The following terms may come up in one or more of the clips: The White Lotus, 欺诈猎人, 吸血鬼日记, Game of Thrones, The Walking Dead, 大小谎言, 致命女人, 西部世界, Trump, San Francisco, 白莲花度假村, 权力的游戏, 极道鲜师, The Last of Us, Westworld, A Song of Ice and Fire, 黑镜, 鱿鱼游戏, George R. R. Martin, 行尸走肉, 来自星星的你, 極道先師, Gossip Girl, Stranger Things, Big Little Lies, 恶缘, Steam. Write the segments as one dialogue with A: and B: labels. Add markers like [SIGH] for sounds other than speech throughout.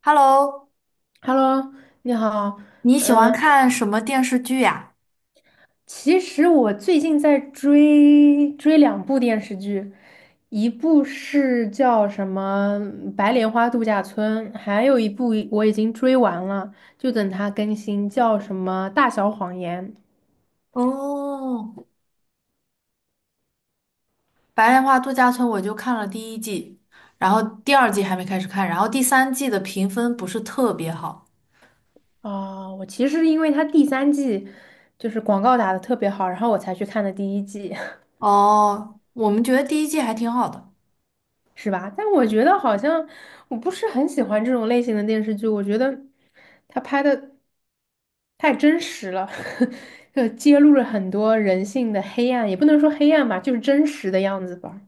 A: Hello,
B: Hello，你好。
A: 你喜欢看什么电视剧呀？
B: 其实我最近在追两部电视剧，一部是叫什么《白莲花度假村》，还有一部我已经追完了，就等它更新，叫什么《大小谎言》
A: 哦，白莲花度假村我就看了第一季，然后第二季还没开始看，然后第三季的评分不是特别好。
B: 啊。我其实因为它第三季就是广告打的特别好，然后我才去看的第一季。[LAUGHS]
A: 哦，我们觉得第一季还挺好的。
B: 是吧？但我觉得好像我不是很喜欢这种类型的电视剧，我觉得他拍的太真实了，[LAUGHS] 揭露了很多人性的黑暗，也不能说黑暗吧，就是真实的样子吧。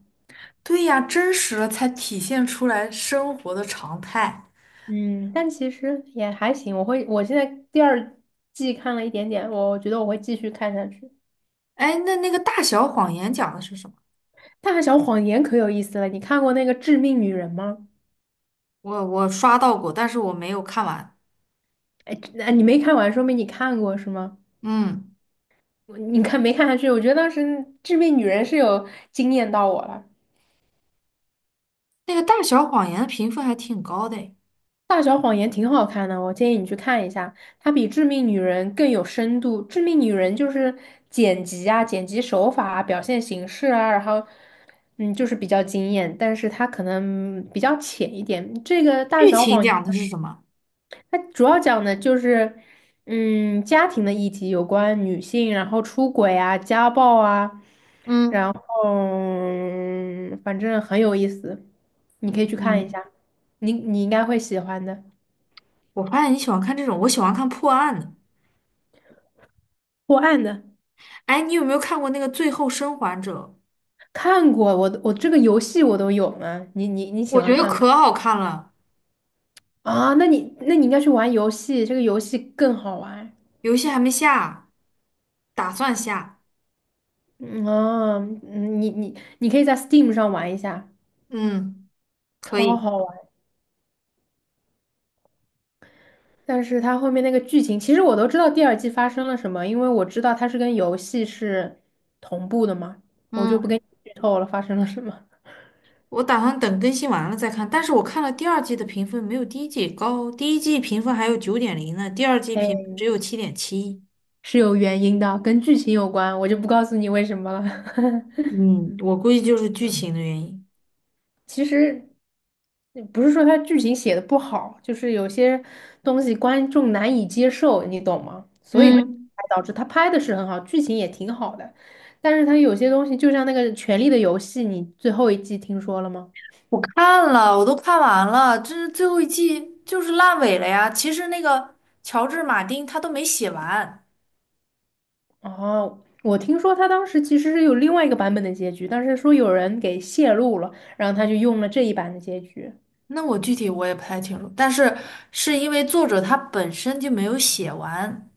A: 对呀，真实了才体现出来生活的常态。
B: 嗯，但其实也还行，我现在第二季看了一点点，我觉得我会继续看下去。
A: 哎，那个《大小谎言》讲的是什么？
B: 《大小谎言》可有意思了，你看过那个《致命女人》吗？
A: 我刷到过，但是我没有看完。
B: 哎，那你没看完，说明你看过是吗？
A: 嗯，
B: 你看没看下去？我觉得当时《致命女人》是有惊艳到我了，
A: 那个《大小谎言》的评分还挺高的诶。
B: 《大小谎言》挺好看的，我建议你去看一下，它比《致命女人》更有深度。《致命女人》就是剪辑啊、剪辑手法啊、表现形式啊，然后就是比较惊艳，但是它可能比较浅一点。这个《大
A: 剧
B: 小
A: 情
B: 谎言》
A: 讲的是什么？
B: 它主要讲的就是家庭的议题，有关女性，然后出轨啊、家暴啊。
A: 嗯
B: 嗯，反正很有意思，你可以去看一
A: 嗯。
B: 下，你应该会喜欢的。
A: 我发现你喜欢看这种，我喜欢看破案的。
B: 破案的，
A: 哎，你有没有看过那个《最后生还者》？
B: 看过，我这个游戏我都有呢。你喜
A: 我
B: 欢
A: 觉得
B: 看吗？
A: 可好看了，
B: 啊，那你应该去玩游戏，这个游戏更好玩。
A: 游戏还没下，打算下。
B: 你可以在 Steam 上玩一下，
A: 嗯，可
B: 超
A: 以。
B: 好玩。但是它后面那个剧情，其实我都知道第二季发生了什么，因为我知道它是跟游戏是同步的嘛，我就不跟
A: 嗯，
B: 你剧透了发生了什么。
A: 我打算等更新完了再看。但是我看了第二季的评分没有第一季高，第一季评分还有九点零呢，第二
B: [LAUGHS]
A: 季评分
B: 哎。
A: 只有7.7。
B: 是有原因的，跟剧情有关，我就不告诉你为什么了。[LAUGHS]
A: 嗯，我估计就是剧情的原因。
B: 其实不是说他剧情写的不好，就是有些东西观众难以接受，你懂吗？所以
A: 嗯。
B: 才导致他拍的是很好，剧情也挺好的，但是他有些东西，就像那个《权力的游戏》，你最后一季听说了吗？
A: 我看了，我都看完了，这是最后一季就是烂尾了呀。其实那个乔治·马丁他都没写完，
B: 哦，我听说他当时其实是有另外一个版本的结局，但是说有人给泄露了，然后他就用了这一版的结局，
A: 那我具体我也不太清楚，但是是因为作者他本身就没有写完，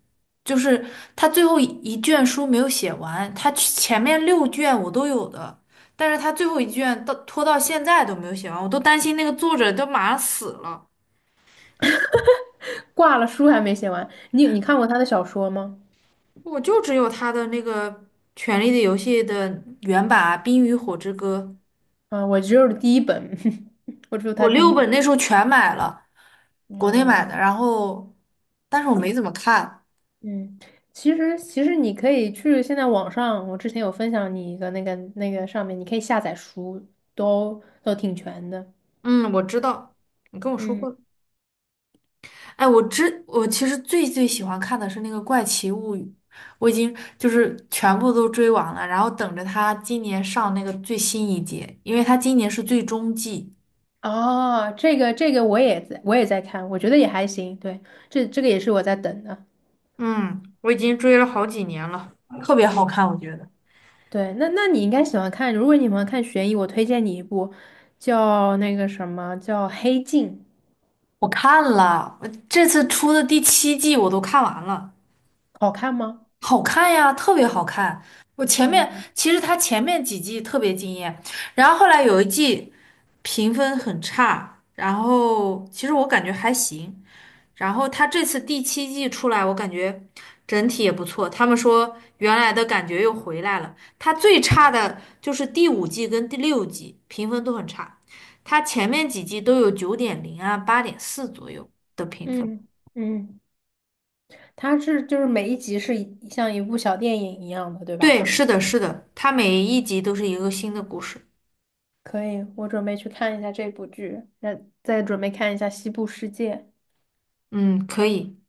A: 就是他最后一卷书没有写完，他前面六卷我都有的，但是他最后一卷到拖到现在都没有写完，我都担心那个作者都马上死了，
B: 挂了书还没写完。你看过他的小说吗？
A: 我就只有他的那个《权力的游戏》的原版啊《冰与火之歌》。
B: 啊，我只有第一本，[LAUGHS] 我只有他
A: 我
B: 第
A: 六
B: 一
A: 本
B: 本。
A: 那时候全买了，国内买
B: 啊，
A: 的，然后，但是我没怎么看。
B: 嗯，其实你可以去现在网上，我之前有分享你一个那个上面，你可以下载书，都挺全的。
A: 嗯，我知道，你跟我说
B: 嗯，
A: 过。哎，我其实最最喜欢看的是那个《怪奇物语》，我已经就是全部都追完了，然后等着它今年上那个最新一季，因为它今年是最终季，
B: 哦，这个我也在看，我觉得也还行。对，这个也是我在等的。
A: 嗯，我已经追了好几年了。特别好看，我觉得。
B: 对，那你应该喜欢看，如果你喜欢看悬疑，我推荐你一部叫那个什么叫《黑镜》，
A: 我看了，我这次出的第七季我都看完了。
B: 好看吗？
A: 好看呀，特别好看。我前面
B: 嗯
A: 其实他前面几季特别惊艳，然后后来有一季评分很差，然后其实我感觉还行。然后他这次第七季出来，我感觉整体也不错。他们说原来的感觉又回来了。他最差的就是第五季跟第六季评分都很差，他前面几季都有九点零啊、8.4左右的评分。
B: 嗯嗯。它是就是每一集是像一部小电影一样的，对吧？
A: 对，是的，是的，他每一集都是一个新的故事。
B: 可以，我准备去看一下这部剧，那再准备看一下《西部世界》。
A: 嗯，可以。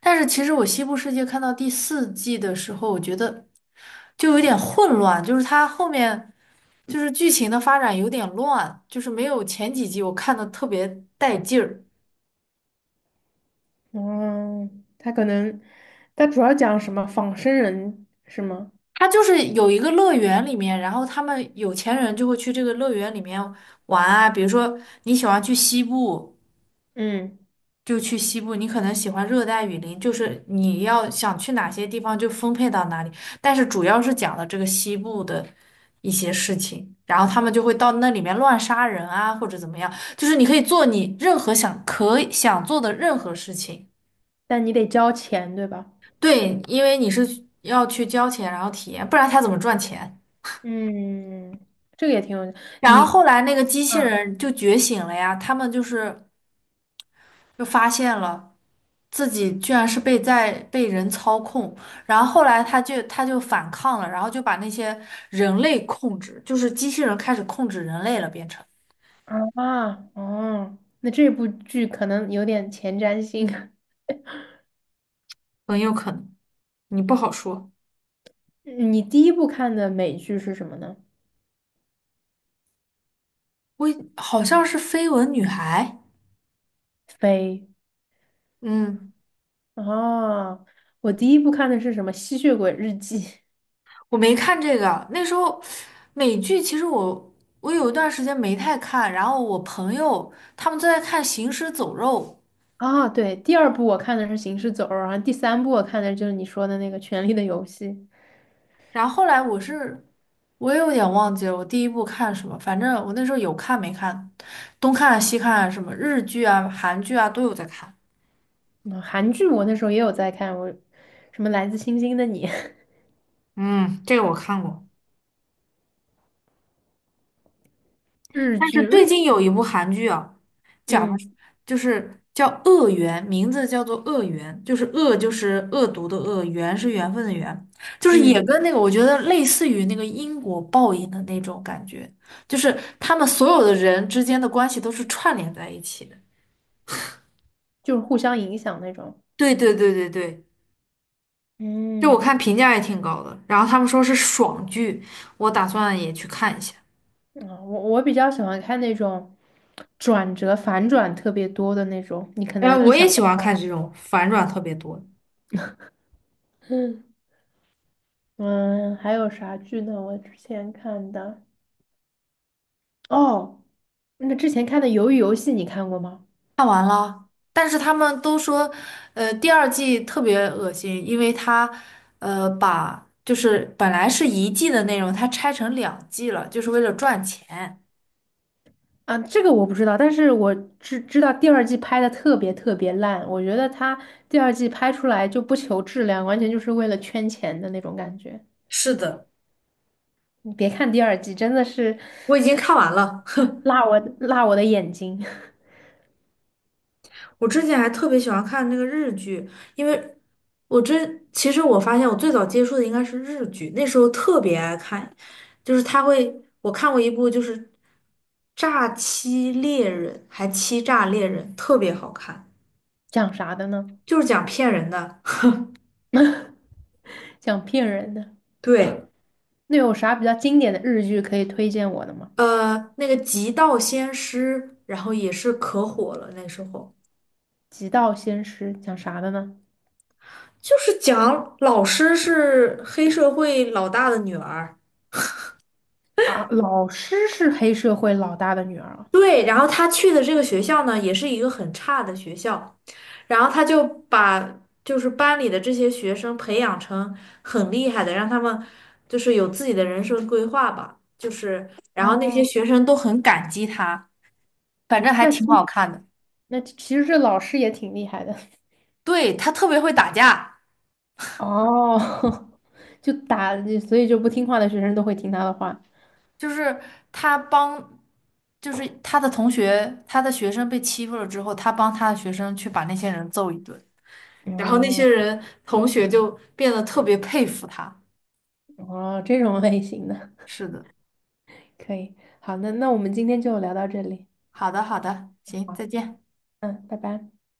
A: 但是其实我《西部世界》看到第四季的时候，我觉得就有点混乱，就是它后面就是剧情的发展有点乱，就是没有前几集我看的特别带劲儿。
B: 嗯，它可能它主要讲什么仿生人是吗？
A: 它就是有一个乐园里面，然后他们有钱人就会去这个乐园里面玩啊，比如说你喜欢去西部。
B: 嗯，
A: 就去西部，你可能喜欢热带雨林，就是你要想去哪些地方就分配到哪里。但是主要是讲了这个西部的一些事情，然后他们就会到那里面乱杀人啊，或者怎么样，就是你可以做你任何想可以想做的任何事情。
B: 但你得交钱，对吧？
A: 对，因为你是要去交钱，然后体验，不然他怎么赚钱？
B: 嗯，这个也挺有
A: 然
B: 你，
A: 后后来那个机器
B: 嗯
A: 人就觉醒了呀，他们就是就发现了。自己居然是被在被人操控，然后后来他就反抗了，然后就把那些人类控制，就是机器人开始控制人类了，变成
B: 啊哦，那这部剧可能有点前瞻性。[LAUGHS]
A: 很有可能，你不好说。
B: 你第一部看的美剧是什么呢？
A: 我好像是绯闻女孩，
B: 飞。
A: 嗯，
B: 哦，我第一部看的是什么《吸血鬼日记》
A: 我没看这个，那时候美剧其实我有一段时间没太看，然后我朋友他们都在看《行尸走肉》，
B: [LAUGHS] 啊，对，第二部我看的是《行尸走肉》，然后第三部我看的就是你说的那个《权力的游戏》。
A: 然后后来我也有点忘记了我第一部看什么，反正我那时候有看没看，东看啊西看啊什么日剧啊、韩剧啊都有在看。
B: 嗯，韩剧我那时候也有在看，我什么《来自星星的你》
A: 嗯，这个我看过。
B: [LAUGHS] 日
A: 但是
B: 剧日，
A: 最近有一部韩剧啊，讲的是
B: 嗯
A: 就是叫《恶缘》，名字叫做《恶缘》，就是恶就是恶毒的恶，缘是缘分的缘，就是也
B: 嗯，
A: 跟那个我觉得类似于那个因果报应的那种感觉，就是他们所有的人之间的关系都是串联在一起的。
B: 就是互相影响那种。
A: 对对对对对。就我看
B: 嗯，
A: 评价也挺高的，然后他们说是爽剧，我打算也去看一下。
B: 啊，我比较喜欢看那种转折反转特别多的那种，你可
A: 然
B: 能
A: 后
B: 意
A: 我也
B: 想，
A: 喜欢看这种反转特别多的
B: 嗯嗯，还有啥剧呢？我之前看的哦。那之前看的《鱿鱼游戏》，你看过吗？
A: 看完了，但是他们都说，第二季特别恶心，因为他，把就是本来是一季的内容，它拆成两季了，就是为了赚钱。
B: 啊，这个我不知道，但是我知道第二季拍的特别特别烂，我觉得它第二季拍出来就不求质量，完全就是为了圈钱的那种感觉。
A: 是的，
B: 你别看第二季，真的是
A: 我已经看完了。[LAUGHS] 哼。
B: 辣我的眼睛。
A: 我之前还特别喜欢看那个日剧，因为其实我发现我最早接触的应该是日剧，那时候特别爱看，就是他会，我看过一部就是《诈欺猎人》，还《欺诈猎人》，特别好看，
B: [LAUGHS] 讲啥的呢？
A: 就是讲骗人的。
B: 讲骗人的。
A: 对，
B: 那有啥比较经典的日剧可以推荐我的吗？
A: 那个《极道先师》，然后也是可火了，那时候
B: 《极道鲜师》讲啥的呢？
A: 就是讲老师是黑社会老大的女儿。
B: 啊，老师是黑社会老大的女儿啊。
A: 对，然后他去的这个学校呢，也是一个很差的学校，然后他就把就是班里的这些学生培养成很厉害的，让他们就是有自己的人生规划吧，就是然后那些
B: 哦，
A: 学生都很感激他，反正还
B: 那其
A: 挺好看的。
B: 那其实这老师也挺厉害的。[LAUGHS]
A: 对，他特别会打架，
B: 哦，[LAUGHS] 就打，所以就不听话的学生都会听他的话。
A: 就是他帮，就是他的同学，他的学生被欺负了之后，他帮他的学生去把那些人揍一顿，然后那些
B: 哦
A: 人同学就变得特别佩服他。
B: 哦，这种类型的
A: 是的，
B: 可以。好，那我们今天就聊到这里。
A: 好的，好的，行，
B: 好，
A: 再见。
B: 嗯，拜拜。